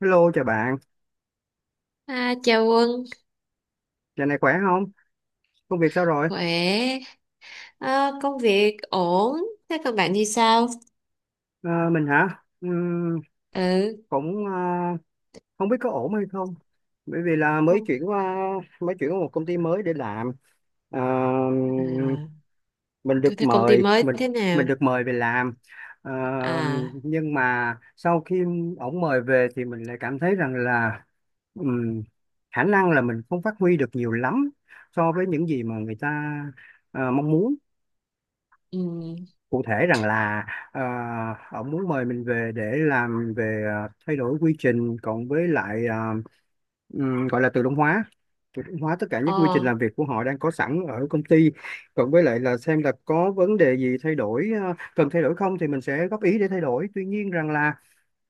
Hello chào bạn, À, chào Quân. giờ này khỏe không? Công việc sao rồi? Khỏe. À, công việc ổn. Thế còn bạn thì sao? Ờ, mình hả? Ừ, Cũng không biết có ổn hay không. Bởi vì là mới không. chuyển qua một công ty mới để làm. Ờ, À, mình cứ được thế công ty mời mới mình thế mình nào? được mời về làm. Ờ, À, nhưng mà sau khi ổng mời về thì mình lại cảm thấy rằng là ừm, khả năng là mình không phát huy được nhiều lắm so với những gì mà người ta mong muốn. um, Cụ thể rằng là ông muốn mời mình về để làm về thay đổi quy trình, cộng với lại gọi là tự động hóa, tất cả những quy trình làm việc của họ đang có sẵn ở công ty, cộng với lại là xem là có vấn đề gì thay đổi, cần thay đổi không thì mình sẽ góp ý để thay đổi. Tuy nhiên rằng là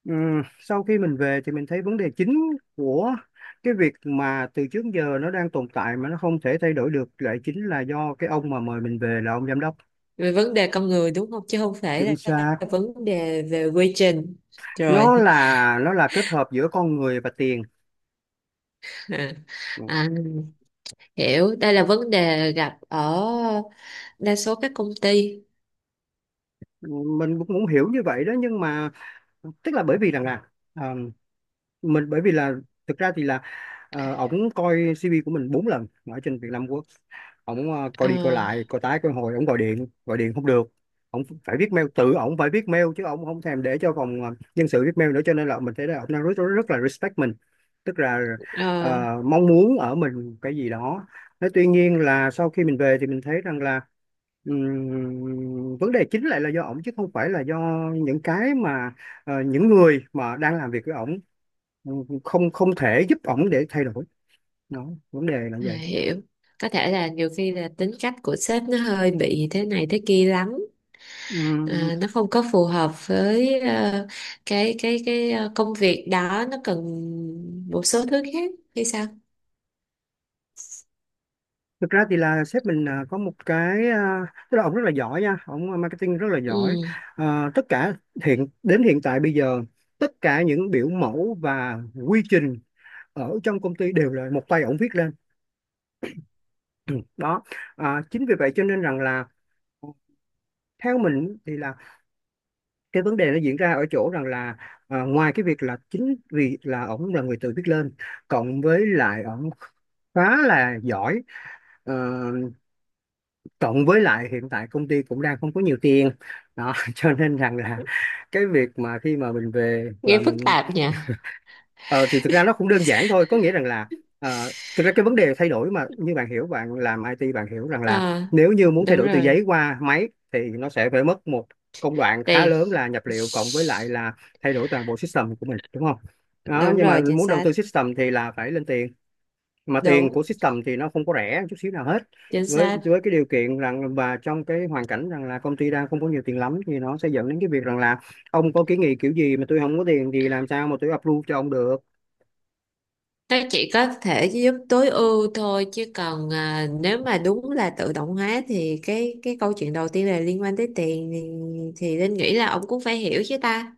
sau khi mình về thì mình thấy vấn đề chính của cái việc mà từ trước giờ nó đang tồn tại mà nó không thể thay đổi được lại chính là do cái ông mà mời mình về, là ông giám đốc. về vấn đề con người đúng không? Chứ không Chính phải xác, là vấn đề về quy trình. Rồi. nó là kết hợp giữa con người và tiền. Ừ. À, à, hiểu, đây là vấn đề gặp ở đa số các công ty. mình cũng cũng hiểu như vậy đó, nhưng mà tức là bởi vì rằng là ờ, mình bởi vì là, thực ra thì là ổng coi CV của mình 4 lần ở trên Vietnam Works. Ổng coi đi coi Ờ, lại coi tái coi hồi, ổng gọi điện không được, ổng phải viết mail, tự ổng phải viết mail, chứ ổng không thèm để cho phòng nhân sự viết mail nữa, cho nên là mình thấy là ổng đang rất, rất, rất là respect mình, tức là ờ, ờ, mong muốn ở mình cái gì đó. Thế tuy nhiên là sau khi mình về thì mình thấy rằng là vấn đề chính lại là do ổng, chứ không phải là do những cái mà những người mà đang làm việc với ổng không không thể giúp ổng để thay đổi. Đó, vấn đề là à, vậy. hiểu, có thể là nhiều khi là tính cách của sếp nó hơi bị thế này thế kia lắm. Ừm, À, nó không có phù hợp với cái công việc đó nó cần một số thứ khác hay sao? thực ra thì là sếp mình có một cái, tức là ổng rất là giỏi nha, ổng marketing rất là giỏi. Ừ, Tất cả hiện tại bây giờ, tất cả những biểu mẫu và quy trình ở trong công ty đều là một tay ổng viết lên. Đó, chính vì vậy cho nên rằng là theo mình thì là cái vấn đề nó diễn ra ở chỗ rằng là ngoài cái việc là chính vì là ổng là người tự viết lên, cộng với lại ổng khá là giỏi, ờ, cộng với lại hiện tại công ty cũng đang không có nhiều tiền đó, cho nên rằng là cái việc mà khi mà mình về nghe và phức mình, tạp nhỉ. Ờ, thì thực ra nó cũng đơn giản thôi, có nghĩa rằng là thực ra cái vấn đề thay đổi mà, như bạn hiểu, bạn làm IT bạn hiểu rằng là Ờ, nếu như muốn thay đúng đổi từ rồi. giấy qua máy thì nó sẽ phải mất một công đoạn khá Tiền. lớn là nhập liệu, cộng với lại là thay đổi toàn bộ system của mình, đúng không? Đó, Đúng nhưng mà rồi, chính muốn đầu xác. tư system thì là phải lên tiền, mà tiền Đúng, của system thì nó không có rẻ chút xíu nào hết. chính Với xác. với cái điều kiện rằng và trong cái hoàn cảnh rằng là công ty đang không có nhiều tiền lắm, thì nó sẽ dẫn đến cái việc rằng là ông có kiến nghị kiểu gì mà tôi không có tiền thì làm sao mà tôi approve cho ông được. Nó chỉ có thể giúp tối ưu thôi chứ còn nếu mà đúng là tự động hóa thì cái câu chuyện đầu tiên là liên quan tới tiền thì Linh nghĩ là ông cũng phải hiểu chứ ta.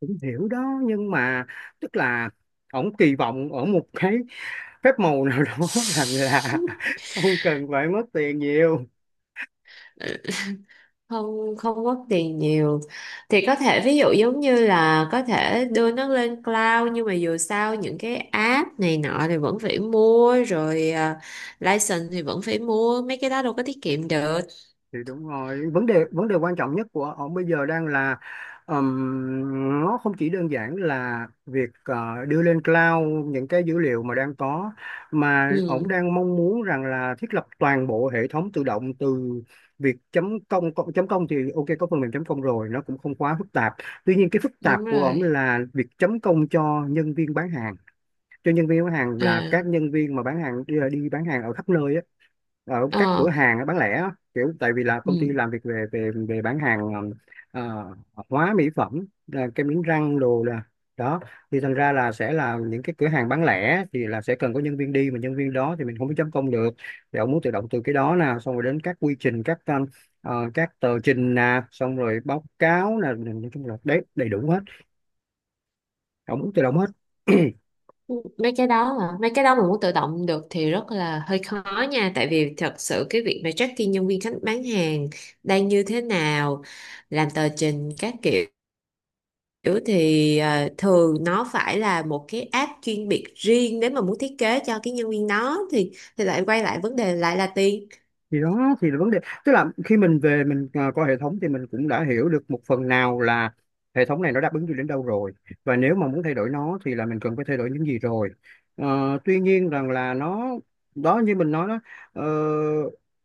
Cũng hiểu đó nhưng mà tức là ổng kỳ vọng ở một cái phép màu nào đó rằng là không cần phải mất tiền nhiều. Không không mất tiền nhiều thì có thể ví dụ giống như là có thể đưa nó lên cloud, nhưng mà dù sao những cái app này nọ thì vẫn phải mua rồi. License thì vẫn phải mua, mấy cái đó đâu có tiết kiệm được. Thì đúng rồi, vấn đề quan trọng nhất của ông bây giờ đang là nó không chỉ đơn giản là việc đưa lên cloud những cái dữ liệu mà đang có, mà ông Ừ, đang mong muốn rằng là thiết lập toàn bộ hệ thống tự động, từ việc chấm công công- chấm công thì ok, có phần mềm chấm công rồi, nó cũng không quá phức tạp. Tuy nhiên cái phức đúng tạp của ông rồi, là việc chấm công cho nhân viên bán hàng. Cho nhân viên bán hàng là các à, nhân viên mà bán hàng đi, đi bán hàng ở khắp nơi á, ở các ờ, cửa hàng bán lẻ á, kiểu tại vì là công ty ừ. làm việc về về về bán hàng, ờ, hóa mỹ phẩm, là kem đánh răng đồ, là đó. Thì thành ra là sẽ là những cái cửa hàng bán lẻ thì là sẽ cần có nhân viên đi, mà nhân viên đó thì mình không có chấm công được. Thì ông muốn tự động từ cái đó nè, xong rồi đến các quy trình, các các tờ trình nè, xong rồi báo cáo nè, nói chung là đấy, đầy đủ hết, ông muốn tự động hết. Mấy cái đó mà muốn tự động được thì rất là hơi khó nha, tại vì thật sự cái việc mà tracking nhân viên khách bán hàng đang như thế nào, làm tờ trình các kiểu kiểu thì thường nó phải là một cái app chuyên biệt riêng. Nếu mà muốn thiết kế cho cái nhân viên đó thì lại quay lại vấn đề lại là tiền. Thì đó thì là vấn đề. Tức là khi mình về mình coi hệ thống thì mình cũng đã hiểu được một phần nào là hệ thống này nó đáp ứng được đến đâu rồi, và nếu mà muốn thay đổi nó thì là mình cần phải thay đổi những gì rồi. Tuy nhiên rằng là nó, đó như mình nói đó, ờ,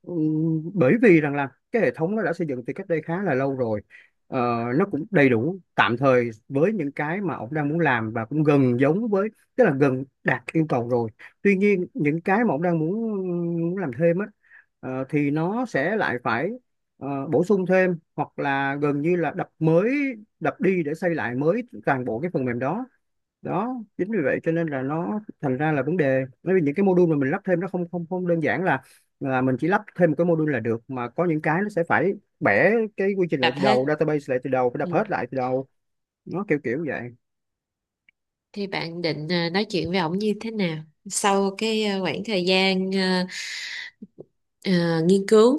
bởi vì rằng là cái hệ thống nó đã xây dựng từ cách đây khá là lâu rồi. Ờ, nó cũng đầy đủ tạm thời với những cái mà ông đang muốn làm và cũng gần giống với, tức là gần đạt yêu cầu rồi. Tuy nhiên những cái mà ông đang muốn muốn làm thêm á, thì nó sẽ lại phải bổ sung thêm, hoặc là gần như là đập mới, đập đi để xây lại mới toàn bộ cái phần mềm đó. Đó, chính vì vậy cho nên là nó thành ra là vấn đề, bởi vì những cái module mà mình lắp thêm, nó không không không đơn giản là mình chỉ lắp thêm một cái module là được, mà có những cái nó sẽ phải bẻ cái quy trình lại Đập từ hết. đầu, database lại từ đầu, phải đập Ừ. hết lại từ đầu. Nó kiểu kiểu vậy. Thì bạn định nói chuyện với ổng như thế nào sau cái khoảng thời gian nghiên cứu,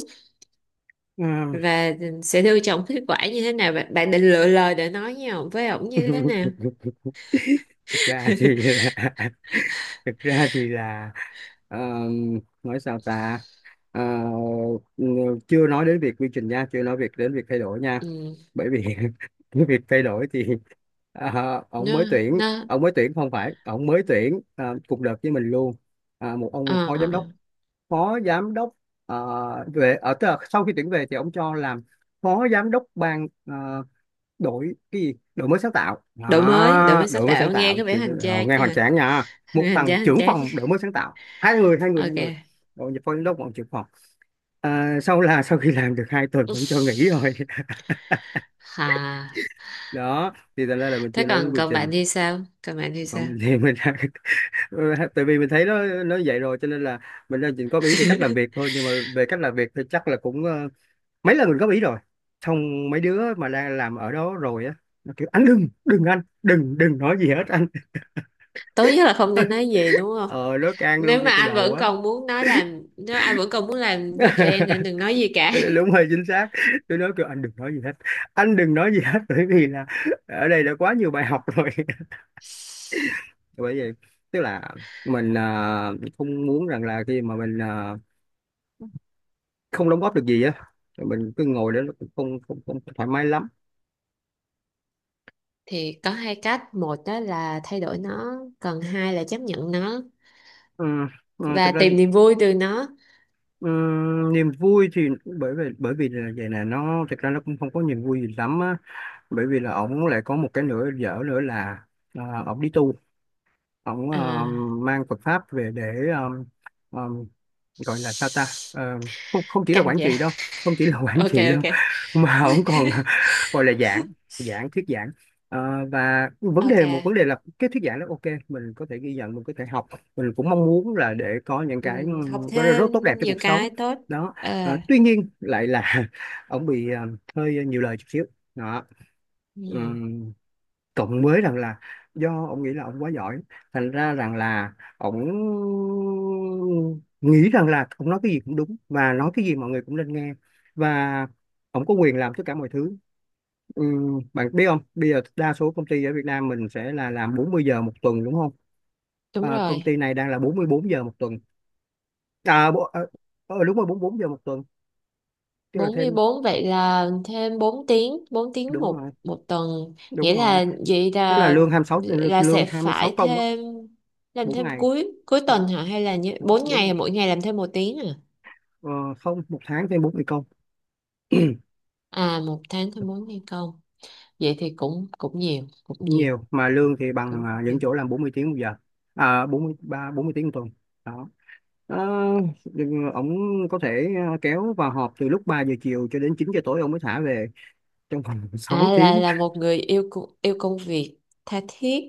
Ừ. và sẽ đưa cho ổng kết quả như thế nào? Bạn định lựa lời để nói với ổng như thế nào? thực ra thì thực ra thì là ờ, nói sao ta. Ờ, chưa nói đến việc quy trình nha, chưa nói việc đến việc thay đổi nha, Ừ. bởi vì cái việc thay đổi thì ờ, ông nó mới tuyển nó ông mới tuyển không phải, ông mới tuyển cùng đợt với mình luôn. Một ông ờ, phó giám đốc, phó giám đốc về ở, tức là sau khi tuyển về thì ông cho làm phó giám đốc ban đổi cái gì đổi mới sáng tạo đổi mới đổi đó, mới sáng đổi mới sáng tạo nghe tạo có Chị, vẻ hoành rồi, tráng nghe hoành nha. tráng nha, một Hoành thằng tráng hoành trưởng tráng. phòng đổi mới sáng tạo, hai Ok. người, rồi nhập phó giám đốc bọn trưởng phòng. Sau khi làm được 2 tuần Ừm, cũng cho nghỉ rồi. Hà, Đó thì thành ra là mình thế chưa nói đến còn quy còn bạn trình. thì sao? Còn bạn thì Còn sao? mình thì mình đã, tại vì mình thấy nó vậy rồi, cho nên là mình đang chỉ góp ý về cách làm việc thôi, nhưng mà về cách làm việc thì chắc là cũng mấy lần mình góp ý rồi, xong mấy đứa mà đang làm ở đó rồi á, nó kiểu, anh đừng đừng nói gì hết anh. Tốt nhất là không nên nói gì, đúng không? Ờ nói can luôn ngay từ đầu á. Nếu anh vẫn còn muốn làm với tụi em thì anh đừng nói gì cả. Đúng, hơi chính xác. Tôi nói kêu anh đừng nói gì hết, anh đừng nói gì hết bởi vì là ở đây đã quá nhiều bài học rồi. Bởi vậy tức là mình không muốn rằng là khi mà mình không đóng góp được gì á rồi mình cứ ngồi đó, nó cũng không không không thoải mái lắm. Thì có hai cách, một đó là thay đổi nó, còn hai là chấp nhận nó Ừ, ừ, và thực ra thì, tìm niềm vui từ nó. ừ, niềm vui thì bởi vì là vậy nè, nó thực ra nó cũng không có niềm vui gì lắm á. Bởi vì là ổng lại có một cái nữa dở nữa là ổng đi tu. Ông À, mang Phật pháp về để um, gọi là sao ta. Không không chỉ là căng quản vậy. trị đâu, không chỉ là quản Ok, trị đâu, ok. mà ông còn gọi là giảng, thuyết giảng. Ờ, và vấn Ok. đề một vấn đề là cái thuyết giảng đó, ok mình có thể ghi nhận, mình có thể học, mình cũng mong muốn là để có những cái Học có rất thêm tốt đẹp cho nhiều cuộc sống cái tốt. đó. Ờ. Tuy nhiên lại là ông bị hơi nhiều lời chút xíu đó. Ừ, Ừ, cộng với rằng là do ông nghĩ là ông quá giỏi, thành ra rằng là ông nghĩ rằng là ông nói cái gì cũng đúng và nói cái gì mọi người cũng nên nghe, và ông có quyền làm tất cả mọi thứ. Bạn biết không, bây giờ đa số công ty ở Việt Nam mình sẽ là làm 40 giờ một tuần đúng không? đúng Công rồi. ty này đang là 44 giờ một tuần, bộ, đúng rồi, 44 giờ một tuần, tức là bốn mươi thêm. bốn vậy là thêm 4 tiếng, 4 tiếng Đúng một rồi, một tuần? Nghĩa đúng rồi, là vậy tức là là lương 26 là lương sẽ 26 phải công á, thêm, làm 4 thêm ngày, cuối cuối tuần bốn, hả, hay là như bốn, 4 đúng rồi. ngày mỗi ngày làm thêm 1 tiếng à? Ờ, không, một tháng thêm 40 công, À, 1 tháng thêm 4 ngày công, vậy thì cũng cũng nhiều, cũng không nhiều, nhiều. Mà lương thì bằng cũng những nhiều. chỗ làm 40 tiếng một giờ. À, 40 tiếng một tuần. Đó. Ờ, nhưng ông có thể kéo vào họp từ lúc 3 giờ chiều cho đến 9 giờ tối ông mới thả về, trong vòng 6 À, tiếng. là một người yêu yêu công việc tha thiết.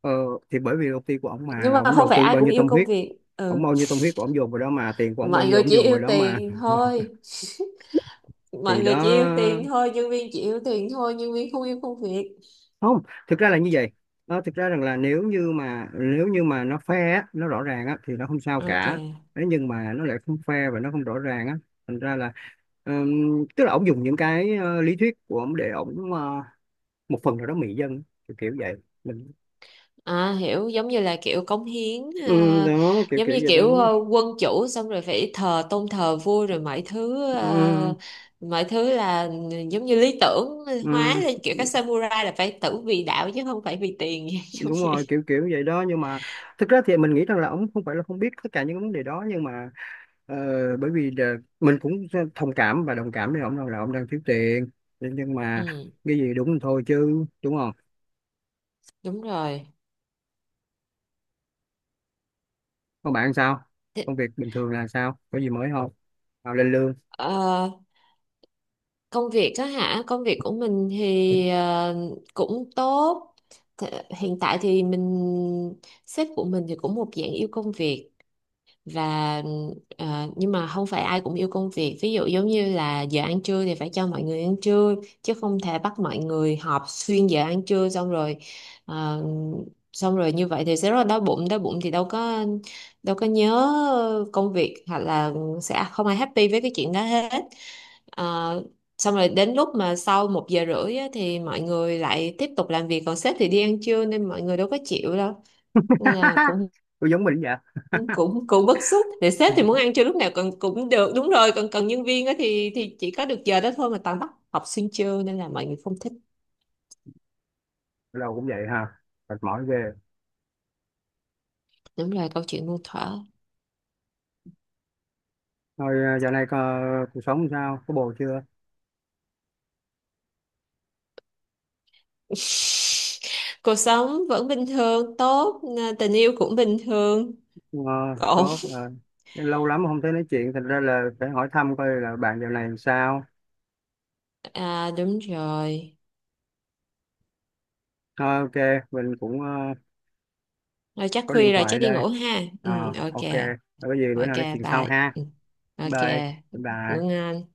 Ờ, thì bởi vì công ty của ông mà, Nhưng mà ông không đầu phải tư ai bao cũng nhiêu yêu tâm công huyết, việc. Ừ, ông bao nhiêu tâm huyết của ông dồn vào đó mà, tiền của ông bao mọi nhiêu người ông chỉ dồn vào yêu đó mà. tiền thôi, mọi Thì người chỉ yêu tiền đó. thôi, nhân viên chỉ yêu tiền thôi, nhân viên không yêu công việc. Không, thực ra là như vậy. Thực ra rằng là nếu như mà nó fair á, nó rõ ràng á, thì nó không sao Ok. cả. Thế nhưng mà nó lại không fair và nó không rõ ràng á, thành ra là tức là ổng dùng những cái lý thuyết của ổng để ổng một phần nào đó mị dân, kiểu, kiểu vậy. Mình, À, hiểu, giống như là kiểu cống hiến ừ, à, đó kiểu giống kiểu như vậy đó. kiểu quân chủ, xong rồi phải tôn thờ vua rồi mọi thứ, Ừ, là giống như lý tưởng ừ, hóa lên, kiểu các samurai là phải tử vì đạo chứ không phải vì tiền. Giống đúng rồi, vậy. kiểu kiểu vậy đó, nhưng mà thực ra thì mình nghĩ rằng là ổng không phải là không biết tất cả những cái vấn đề đó, nhưng mà Ờ, bởi vì là mình cũng thông cảm và đồng cảm với ông, đâu là ông đang thiếu tiền, nhưng mà Ừ, cái gì đúng thì thôi chứ, đúng không? đúng rồi. Còn bạn sao, Thế- công việc bình thường, là sao có gì mới không, nào lên lương. ờ, công việc á hả, công việc của mình thì cũng tốt. Hiện tại thì mình, sếp của mình thì cũng một dạng yêu công việc. Và nhưng mà không phải ai cũng yêu công việc, ví dụ giống như là giờ ăn trưa thì phải cho mọi người ăn trưa, chứ không thể bắt mọi người họp xuyên giờ ăn trưa, xong rồi ờ, xong rồi như vậy thì sẽ rất là đói bụng. Đói bụng thì đâu có nhớ công việc, hoặc là sẽ không ai happy với cái chuyện đó hết. Ờ, xong rồi đến lúc mà sau 1 giờ rưỡi á, thì mọi người lại tiếp tục làm việc còn sếp thì đi ăn trưa, nên mọi người đâu có chịu đâu. Nên là cũng Tôi giống mình vậy. cũng cũng bức xúc để sếp thì muốn ăn trưa lúc nào còn cũng được, đúng rồi, còn cần nhân viên á thì chỉ có được giờ đó thôi mà toàn bắt học sinh trưa, nên là mọi người không thích. Ở đâu cũng vậy ha, mệt mỏi ghê. Đúng rồi, câu chuyện muôn thuở. Thôi, dạo này có, cuộc sống sao, có bồ chưa. Cuộc sống vẫn bình thường tốt, à, tình yêu cũng bình thường, Ờ, ổn. tốt ờ. Lâu lắm không thấy nói chuyện, thành ra là phải hỏi thăm coi là bạn dạo này sao. À, đúng rồi. Ờ, ok, mình cũng Rồi chắc có điện khuya rồi, chắc thoại đi đây, ngủ ha. Ừ, ok. ok. Rồi, có gì bữa Ok, nào nói chuyện sau bye. ha. Ừ, ok. Bye, Ngủ bye. ngon.